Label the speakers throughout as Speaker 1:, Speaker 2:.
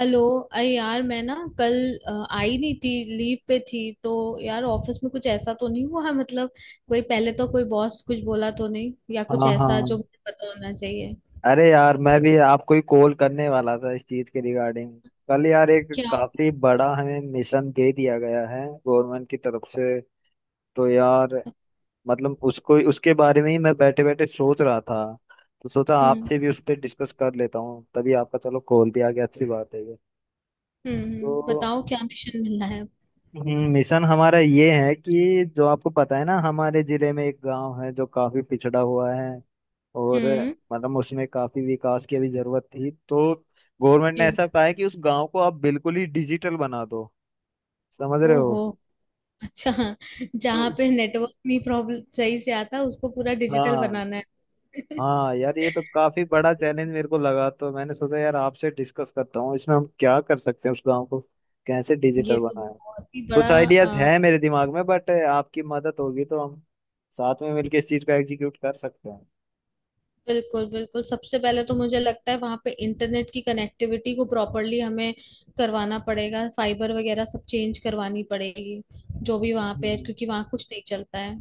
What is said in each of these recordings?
Speaker 1: Hello. अरे यार मैं ना कल अ, आई नहीं थी। लीव पे थी तो यार ऑफिस में कुछ ऐसा तो नहीं हुआ मतलब कोई पहले तो कोई बॉस कुछ बोला तो नहीं या कुछ
Speaker 2: हाँ हाँ।
Speaker 1: ऐसा जो मुझे पता होना चाहिए।
Speaker 2: अरे यार मैं भी आपको ही कॉल करने वाला था इस चीज के रिगार्डिंग। कल यार एक
Speaker 1: क्या होता।
Speaker 2: काफी बड़ा हमें मिशन दे दिया गया है गवर्नमेंट की तरफ से। तो यार मतलब उसको उसके बारे में ही मैं बैठे बैठे सोच रहा था। तो सोचा
Speaker 1: हम्म
Speaker 2: आपसे भी उस पर डिस्कस कर लेता हूँ, तभी आपका चलो कॉल भी आ गया, अच्छी बात है ये। तो
Speaker 1: बताओ क्या मिशन मिला है।
Speaker 2: मिशन हमारा ये है कि जो आपको पता है ना, हमारे जिले में एक गांव है जो काफी पिछड़ा हुआ है। और
Speaker 1: हम्म।
Speaker 2: मतलब उसमें काफी विकास की अभी जरूरत थी, तो गवर्नमेंट ने
Speaker 1: जी।
Speaker 2: ऐसा कहा है कि उस गांव को आप बिल्कुल ही डिजिटल बना दो। समझ रहे हो?
Speaker 1: ओहो। अच्छा।
Speaker 2: तो
Speaker 1: जहाँ पे नेटवर्क नहीं प्रॉब्लम सही से आता उसको पूरा डिजिटल
Speaker 2: हाँ
Speaker 1: बनाना है।
Speaker 2: हाँ यार, ये तो काफी बड़ा चैलेंज मेरे को लगा, तो मैंने सोचा यार आपसे डिस्कस करता हूँ इसमें हम क्या कर सकते हैं, उस गांव को कैसे
Speaker 1: ये
Speaker 2: डिजिटल
Speaker 1: तो
Speaker 2: बनाएं।
Speaker 1: बहुत ही बड़ा।
Speaker 2: कुछ आइडियाज हैं मेरे दिमाग में, बट आपकी मदद होगी तो हम साथ में मिलकर इस चीज को एग्जीक्यूट कर सकते हैं।
Speaker 1: बिल्कुल बिल्कुल, सबसे पहले तो मुझे लगता है वहां पे इंटरनेट की कनेक्टिविटी को प्रॉपरली हमें करवाना पड़ेगा, फाइबर वगैरह सब चेंज करवानी पड़ेगी जो भी वहां पे है
Speaker 2: हम्म।
Speaker 1: क्योंकि वहां कुछ नहीं चलता है।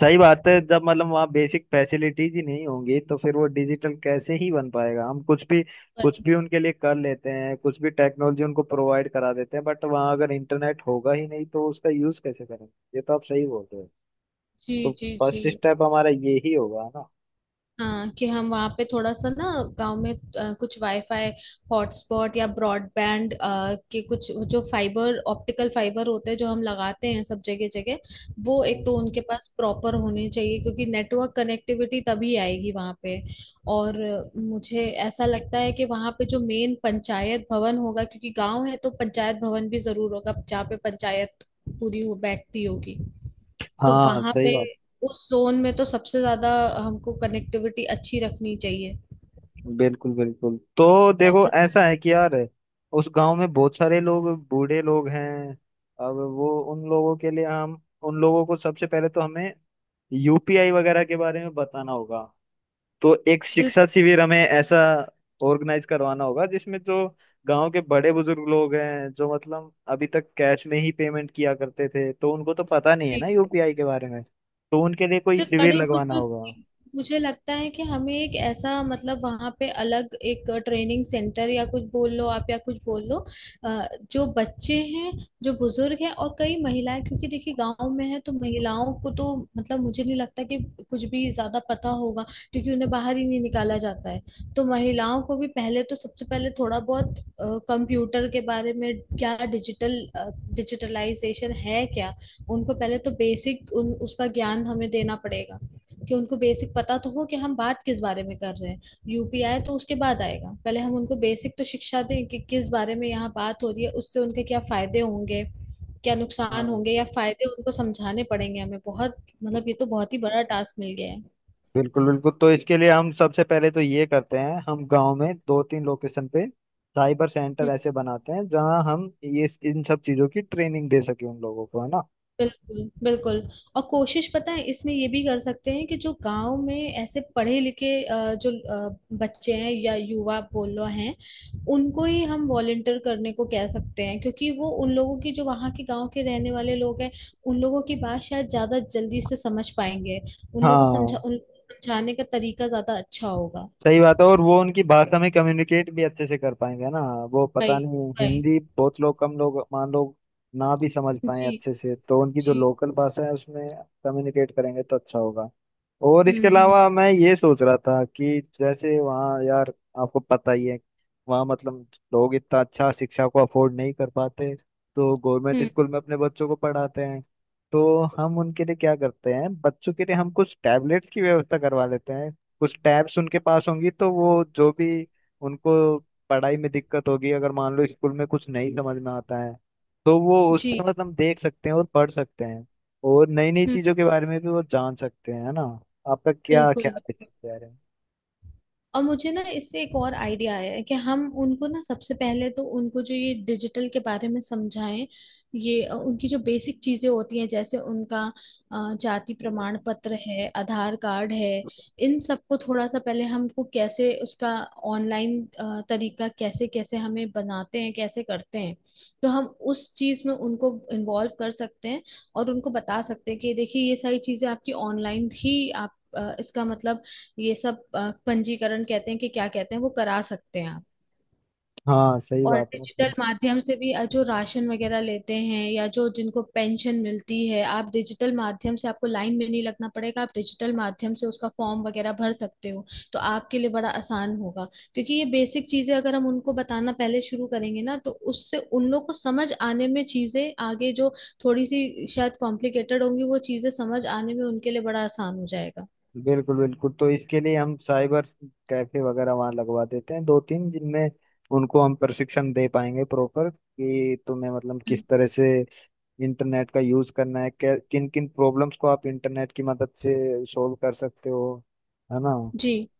Speaker 2: सही बात है, जब मतलब वहाँ बेसिक फैसिलिटीज ही नहीं होंगी तो फिर वो डिजिटल कैसे ही बन पाएगा। हम कुछ
Speaker 1: पर-
Speaker 2: भी उनके लिए कर लेते हैं, कुछ भी टेक्नोलॉजी उनको प्रोवाइड करा देते हैं, बट वहाँ अगर इंटरनेट होगा ही नहीं तो उसका यूज कैसे करेंगे। ये तो आप सही बोल रहे हो।
Speaker 1: जी
Speaker 2: तो
Speaker 1: जी जी।
Speaker 2: फर्स्ट स्टेप हमारा ये ही होगा ना।
Speaker 1: हाँ कि हम वहाँ पे थोड़ा सा ना गांव में कुछ वाईफाई हॉटस्पॉट या ब्रॉडबैंड के कुछ जो फाइबर ऑप्टिकल फाइबर होते हैं जो हम लगाते हैं सब जगह जगह। वो एक
Speaker 2: हाँ
Speaker 1: तो उनके पास प्रॉपर होने चाहिए क्योंकि नेटवर्क कनेक्टिविटी तभी आएगी वहाँ पे। और मुझे ऐसा लगता है कि वहाँ पे जो मेन पंचायत भवन होगा क्योंकि गांव है तो पंचायत भवन भी जरूर होगा जहाँ पे पंचायत पूरी हो बैठती होगी। तो
Speaker 2: हाँ
Speaker 1: वहां
Speaker 2: सही
Speaker 1: पे
Speaker 2: बात।
Speaker 1: उस जोन में तो सबसे ज्यादा हमको कनेक्टिविटी अच्छी रखनी चाहिए,
Speaker 2: बिल्कुल बिल्कुल, तो देखो ऐसा
Speaker 1: फैसिलिटी।
Speaker 2: है कि यार उस गांव में बहुत सारे लोग बूढ़े लोग हैं। अब वो उन लोगों के लिए हम, उन लोगों को सबसे पहले तो हमें यूपीआई वगैरह के बारे में बताना होगा। तो एक शिक्षा
Speaker 1: बिल्कुल।
Speaker 2: शिविर हमें ऐसा ऑर्गेनाइज करवाना होगा, जिसमें जो गांव के बड़े बुजुर्ग लोग हैं, जो मतलब अभी तक कैश में ही पेमेंट किया करते थे, तो उनको तो पता नहीं है ना यूपीआई के बारे में, तो उनके लिए कोई
Speaker 1: सिर्फ
Speaker 2: शिविर
Speaker 1: बड़े
Speaker 2: लगवाना
Speaker 1: बुजुर्ग
Speaker 2: होगा।
Speaker 1: की- मुझे लगता है कि हमें एक ऐसा मतलब वहां पे अलग एक ट्रेनिंग सेंटर या कुछ बोल लो आप या कुछ बोल लो अ, जो बच्चे हैं जो बुजुर्ग हैं और कई महिलाएं, क्योंकि देखिए गांव में है तो महिलाओं को तो मतलब मुझे नहीं लगता कि कुछ भी ज्यादा पता होगा क्योंकि उन्हें बाहर ही नहीं निकाला जाता है। तो महिलाओं को भी पहले तो सबसे पहले थोड़ा बहुत कंप्यूटर के बारे में, क्या डिजिटल, डिजिटलाइजेशन है क्या, उनको पहले तो बेसिक उन उसका ज्ञान हमें देना पड़ेगा कि उनको बेसिक पता तो हो कि हम बात किस बारे में कर रहे हैं। यूपीआई तो उसके बाद आएगा, पहले हम उनको बेसिक तो शिक्षा दें कि किस बारे में यहाँ बात हो रही है, उससे उनके क्या फायदे होंगे क्या नुकसान
Speaker 2: हाँ
Speaker 1: होंगे, या फायदे उनको समझाने पड़ेंगे हमें बहुत। मतलब ये तो बहुत ही बड़ा टास्क मिल गया है।
Speaker 2: बिल्कुल बिल्कुल, तो इसके लिए हम सबसे पहले तो ये करते हैं, हम गांव में दो तीन लोकेशन पे साइबर सेंटर ऐसे बनाते हैं जहां हम ये इन सब चीजों की ट्रेनिंग दे सके उन लोगों को, है ना।
Speaker 1: बिल्कुल बिल्कुल और कोशिश पता है इसमें ये भी कर सकते हैं कि जो गांव में ऐसे पढ़े लिखे जो बच्चे हैं या युवा बोलो हैं उनको ही हम वॉलंटियर करने को कह सकते हैं, क्योंकि वो उन लोगों की जो वहाँ के गांव के रहने वाले लोग हैं उन लोगों की बात शायद ज्यादा जल्दी से समझ पाएंगे। उन लोगों को समझा
Speaker 2: हाँ
Speaker 1: उन समझाने का तरीका ज्यादा अच्छा होगा।
Speaker 2: सही बात है, और वो उनकी भाषा में कम्युनिकेट भी अच्छे से कर पाएंगे ना। वो पता
Speaker 1: भाई।
Speaker 2: नहीं,
Speaker 1: भाई।
Speaker 2: हिंदी बहुत लोग कम लोग मान लो ना भी समझ पाए
Speaker 1: जी।
Speaker 2: अच्छे से, तो उनकी जो
Speaker 1: जी।
Speaker 2: लोकल भाषा है उसमें कम्युनिकेट करेंगे तो अच्छा होगा। और इसके
Speaker 1: हम्म।
Speaker 2: अलावा मैं ये सोच रहा था कि जैसे वहाँ यार, आपको पता ही है, वहाँ मतलब लोग इतना अच्छा शिक्षा को अफोर्ड नहीं कर पाते, तो गवर्नमेंट
Speaker 1: हम्म।
Speaker 2: स्कूल में अपने बच्चों को पढ़ाते हैं। तो हम उनके लिए क्या करते हैं, बच्चों के लिए हम कुछ टैबलेट्स की व्यवस्था करवा लेते हैं। कुछ टैब्स उनके पास होंगी, तो वो जो भी उनको पढ़ाई में दिक्कत होगी, अगर मान लो स्कूल में कुछ नहीं समझ में आता है, तो वो उस पर
Speaker 1: जी।
Speaker 2: मतलब हम देख सकते हैं और पढ़ सकते हैं, और नई नई
Speaker 1: हम्म।
Speaker 2: चीजों के बारे में भी वो जान सकते हैं, है ना। आपका क्या
Speaker 1: बिल्कुल
Speaker 2: ख्याल है इस
Speaker 1: बिल्कुल
Speaker 2: चीज के बारे में?
Speaker 1: और मुझे ना इससे एक और आइडिया आया है कि हम उनको ना सबसे पहले तो उनको जो ये डिजिटल के बारे में समझाएं। ये उनकी जो बेसिक चीजें होती हैं जैसे उनका जाति प्रमाण पत्र है आधार कार्ड है। इन सबको थोड़ा सा पहले हमको कैसे उसका ऑनलाइन तरीका, कैसे कैसे हमें बनाते हैं कैसे करते हैं, तो हम उस चीज में उनको इन्वॉल्व कर सकते हैं। और उनको बता सकते हैं कि देखिए ये सारी चीजें आपकी ऑनलाइन भी आप इसका मतलब ये सब पंजीकरण कहते हैं कि क्या कहते हैं वो करा सकते हैं आप।
Speaker 2: हाँ सही
Speaker 1: और
Speaker 2: बात है,
Speaker 1: डिजिटल माध्यम से भी जो राशन वगैरह लेते हैं या जो जिनको पेंशन मिलती है, आप डिजिटल माध्यम से आपको लाइन में नहीं लगना पड़ेगा, आप डिजिटल माध्यम से उसका फॉर्म वगैरह भर सकते हो तो आपके लिए बड़ा आसान होगा। क्योंकि ये बेसिक चीजें अगर हम उनको बताना पहले शुरू करेंगे ना तो उससे उन लोग को समझ आने में चीजें, आगे जो थोड़ी सी शायद कॉम्प्लिकेटेड होंगी वो चीजें समझ आने में उनके लिए बड़ा आसान हो जाएगा।
Speaker 2: बिल्कुल बिल्कुल तो इसके लिए हम साइबर कैफे वगैरह वहाँ लगवा देते हैं दो तीन, जिनमें उनको हम प्रशिक्षण दे पाएंगे प्रॉपर, कि तुम्हें मतलब
Speaker 1: हम्म।
Speaker 2: किस तरह से इंटरनेट का यूज करना है, किन किन प्रॉब्लम्स को आप इंटरनेट की मदद से सॉल्व कर सकते हो, है ना।
Speaker 1: जी।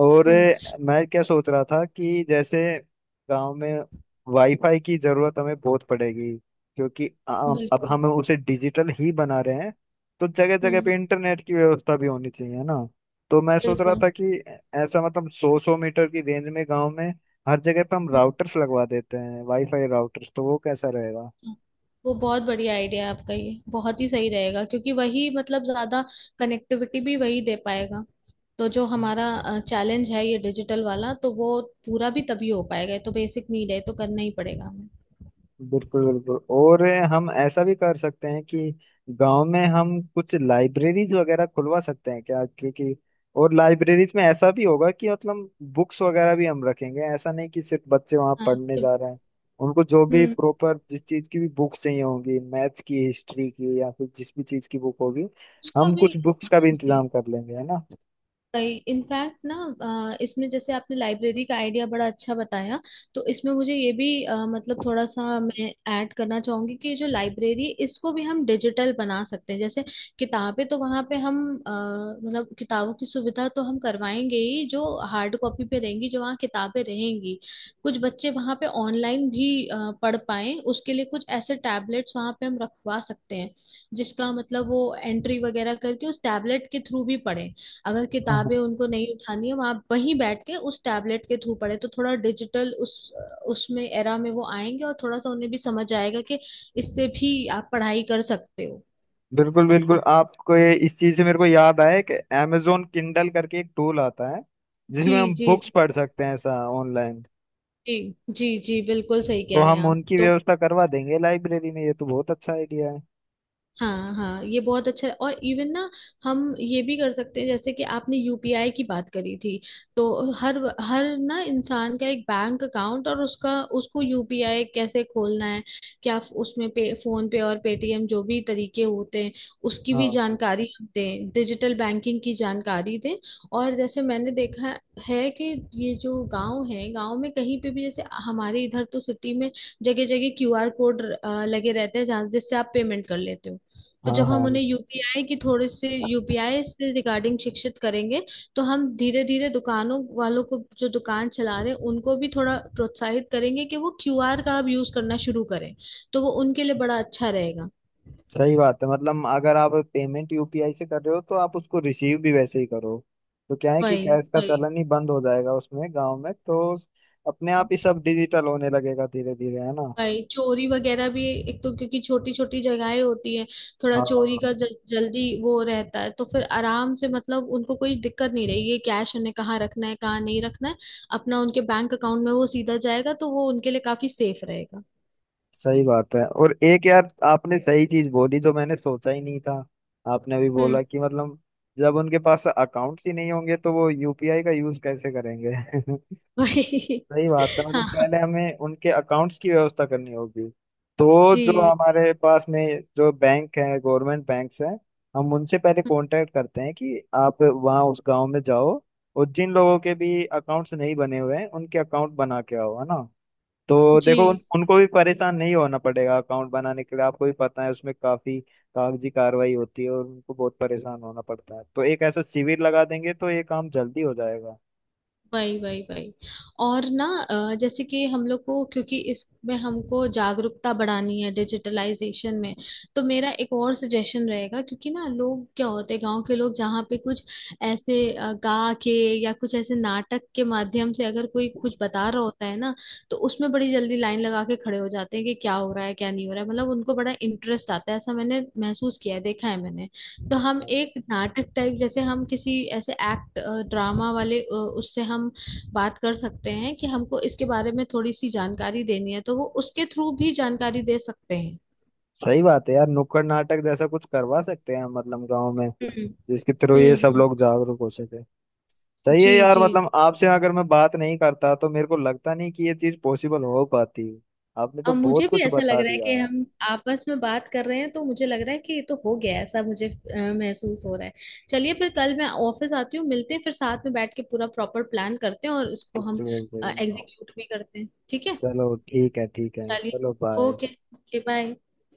Speaker 2: और
Speaker 1: हम्म।
Speaker 2: मैं क्या सोच रहा था कि जैसे गांव में वाईफाई की जरूरत हमें बहुत पड़ेगी, क्योंकि अब
Speaker 1: बिल्कुल।
Speaker 2: हम उसे डिजिटल ही बना रहे हैं। तो जगह जगह
Speaker 1: हम्म।
Speaker 2: पे इंटरनेट की व्यवस्था भी होनी चाहिए, है ना। तो मैं सोच रहा
Speaker 1: बिल्कुल।
Speaker 2: था कि ऐसा मतलब सौ सौ मीटर की रेंज में गांव में हर जगह पे हम राउटर्स लगवा देते हैं, वाईफाई राउटर्स, तो वो कैसा रहेगा?
Speaker 1: हम्म, वो बहुत बढ़िया आइडिया है आपका, ये बहुत ही सही रहेगा क्योंकि वही मतलब ज्यादा कनेक्टिविटी भी वही दे पाएगा। तो जो हमारा चैलेंज है ये डिजिटल वाला तो वो पूरा भी तभी हो पाएगा, ये तो बेसिक नीड है, ये तो करना ही पड़ेगा हमें।
Speaker 2: बिल्कुल बिल्कुल, और हम ऐसा भी कर सकते हैं कि गांव में हम कुछ लाइब्रेरीज वगैरह खुलवा सकते हैं क्या, क्योंकि और लाइब्रेरीज में ऐसा भी होगा कि मतलब बुक्स वगैरह भी हम रखेंगे, ऐसा नहीं कि सिर्फ बच्चे वहां
Speaker 1: हाँ।
Speaker 2: पढ़ने जा रहे हैं। उनको जो भी
Speaker 1: हम्म।
Speaker 2: प्रॉपर जिस चीज की भी बुक्स चाहिए होंगी, मैथ्स की, हिस्ट्री की, या फिर जिस भी चीज की बुक होगी,
Speaker 1: उसको
Speaker 2: हम
Speaker 1: भी।
Speaker 2: कुछ बुक्स का भी इंतजाम कर लेंगे, है
Speaker 1: इनफैक्ट ना इसमें जैसे आपने लाइब्रेरी का आइडिया बड़ा अच्छा बताया, तो इसमें मुझे ये भी मतलब थोड़ा सा मैं ऐड करना चाहूंगी कि जो लाइब्रेरी है इसको भी हम डिजिटल बना सकते हैं। जैसे किताबें तो वहाँ पे हम अ, मतलब किताबों की सुविधा तो हम करवाएंगे ही, जो हार्ड कॉपी पे रहेंगी जो वहाँ किताबें रहेंगी। कुछ बच्चे वहाँ पे ऑनलाइन भी पढ़ पाए उसके लिए कुछ ऐसे टैबलेट्स वहाँ पे हम रखवा सकते हैं, जिसका मतलब वो एंट्री वगैरह करके उस टैबलेट के थ्रू भी पढ़े। अगर
Speaker 2: ना।
Speaker 1: किताबें उनको नहीं उठानी है वहां वहीं बैठ के उस टैबलेट के थ्रू पढ़े, तो थोड़ा डिजिटल उस उसमें एरा में वो आएंगे और थोड़ा सा उन्हें भी समझ आएगा कि इससे भी आप पढ़ाई कर सकते हो।
Speaker 2: बिल्कुल बिल्कुल, आपको ये, इस चीज से मेरे को याद आया कि Amazon Kindle करके एक टूल आता है,
Speaker 1: जी।
Speaker 2: जिसमें हम
Speaker 1: जी
Speaker 2: बुक्स
Speaker 1: जी।
Speaker 2: पढ़ सकते हैं ऐसा ऑनलाइन।
Speaker 1: जी जी जी, बिल्कुल सही
Speaker 2: तो
Speaker 1: कह रहे हैं
Speaker 2: हम
Speaker 1: आप
Speaker 2: उनकी
Speaker 1: तो।
Speaker 2: व्यवस्था करवा देंगे लाइब्रेरी में, ये तो बहुत अच्छा आइडिया है।
Speaker 1: हाँ हाँ ये बहुत अच्छा है और इवन ना हम ये भी कर सकते हैं, जैसे कि आपने यूपीआई की बात करी थी, तो हर हर ना इंसान का एक बैंक अकाउंट, और उसका उसको यूपीआई कैसे खोलना है, क्या उसमें पे फोन पे और पेटीएम जो भी तरीके होते हैं उसकी भी
Speaker 2: हाँ
Speaker 1: जानकारी हम दें, डिजिटल बैंकिंग की जानकारी दें। और जैसे मैंने देखा है कि ये जो गांव है, गांव में कहीं पे भी, जैसे हमारे इधर तो सिटी में जगह जगह क्यूआर कोड लगे रहते हैं जहाँ जिससे आप पेमेंट कर लेते हो। तो
Speaker 2: हाँ
Speaker 1: जब हम
Speaker 2: हाँ
Speaker 1: उन्हें यूपीआई की थोड़े से यूपीआई से रिगार्डिंग शिक्षित करेंगे, तो हम धीरे धीरे दुकानों वालों को जो दुकान चला रहे हैं उनको भी थोड़ा प्रोत्साहित करेंगे कि वो क्यूआर का अब यूज करना शुरू करें, तो वो उनके लिए बड़ा अच्छा रहेगा।
Speaker 2: सही बात है, मतलब अगर आप पेमेंट यूपीआई से कर रहे हो तो आप उसको रिसीव भी वैसे ही करो। तो क्या है कि
Speaker 1: वही
Speaker 2: कैश का
Speaker 1: वही।
Speaker 2: चलन ही बंद हो जाएगा उसमें, गांव में तो अपने आप ही सब डिजिटल होने लगेगा धीरे धीरे, है ना।
Speaker 1: भाई चोरी वगैरह भी, एक तो क्योंकि छोटी छोटी जगहें होती है, थोड़ा
Speaker 2: हाँ
Speaker 1: चोरी का जल्दी वो रहता है, तो फिर आराम से मतलब उनको कोई दिक्कत नहीं रहेगी ये कैश उन्हें कहाँ रखना है कहाँ नहीं रखना है। अपना उनके बैंक अकाउंट में वो सीधा जाएगा तो वो उनके लिए काफी सेफ रहेगा।
Speaker 2: सही बात है, और एक यार आपने सही चीज बोली जो मैंने सोचा ही नहीं था, आपने अभी
Speaker 1: हम्म।
Speaker 2: बोला कि मतलब जब उनके पास अकाउंट्स ही नहीं होंगे तो वो यूपीआई का यूज कैसे करेंगे।
Speaker 1: भाई।
Speaker 2: सही बात है, मतलब
Speaker 1: हाँ।
Speaker 2: पहले हमें उनके अकाउंट्स की व्यवस्था करनी होगी। तो जो
Speaker 1: जी
Speaker 2: हमारे पास में जो बैंक है, गवर्नमेंट बैंक्स हैं, हम उनसे पहले कांटेक्ट करते हैं कि आप वहाँ उस गांव में जाओ और जिन लोगों के भी अकाउंट्स नहीं बने हुए हैं उनके अकाउंट बना के आओ, है ना। तो
Speaker 1: जी।
Speaker 2: देखो उनको भी परेशान नहीं होना पड़ेगा अकाउंट बनाने के लिए, आपको भी पता है उसमें काफी कागजी कार्रवाई होती है और उनको बहुत परेशान होना पड़ता है, तो एक ऐसा शिविर लगा देंगे तो ये काम जल्दी हो जाएगा।
Speaker 1: वही वही वही। और ना जैसे कि हम लोग को, क्योंकि इसमें हमको जागरूकता बढ़ानी है डिजिटलाइजेशन में, तो मेरा एक और सजेशन रहेगा। क्योंकि ना लोग क्या होते हैं, गांव के लोग, जहाँ पे कुछ ऐसे गा के या कुछ ऐसे नाटक के माध्यम से अगर कोई कुछ बता रहा होता है ना, तो उसमें बड़ी जल्दी लाइन लगा के खड़े हो जाते हैं कि क्या हो रहा है क्या नहीं हो रहा है, मतलब उनको बड़ा इंटरेस्ट आता है, ऐसा मैंने महसूस किया है, देखा है मैंने। तो हम
Speaker 2: हाँ।
Speaker 1: एक नाटक टाइप जैसे हम किसी ऐसे एक्ट ड्रामा वाले उससे हम बात कर सकते हैं कि हमको इसके बारे में थोड़ी सी जानकारी देनी है, तो वो उसके थ्रू भी जानकारी दे सकते हैं।
Speaker 2: सही बात है यार, नुक्कड़ नाटक जैसा कुछ करवा सकते हैं मतलब गांव में,
Speaker 1: हम्म
Speaker 2: जिसके थ्रू ये सब
Speaker 1: हम्म।
Speaker 2: लोग जागरूक हो सके। सही है
Speaker 1: जी
Speaker 2: यार,
Speaker 1: जी।
Speaker 2: मतलब आपसे अगर मैं बात नहीं करता तो मेरे को लगता नहीं कि ये चीज पॉसिबल हो पाती। आपने तो
Speaker 1: अब मुझे
Speaker 2: बहुत
Speaker 1: भी
Speaker 2: कुछ
Speaker 1: ऐसा लग
Speaker 2: बता
Speaker 1: रहा है
Speaker 2: दिया।
Speaker 1: कि हम आपस में बात कर रहे हैं तो मुझे लग रहा है कि ये तो हो गया है, ऐसा मुझे महसूस हो रहा है। चलिए फिर कल मैं ऑफिस आती हूँ, मिलते हैं फिर साथ में बैठ के पूरा प्रॉपर प्लान करते हैं और उसको हम एग्जीक्यूट भी करते हैं, ठीक है।
Speaker 2: चलो ठीक है ठीक है,
Speaker 1: चलिए।
Speaker 2: चलो बाय।
Speaker 1: ओके। Okay bye.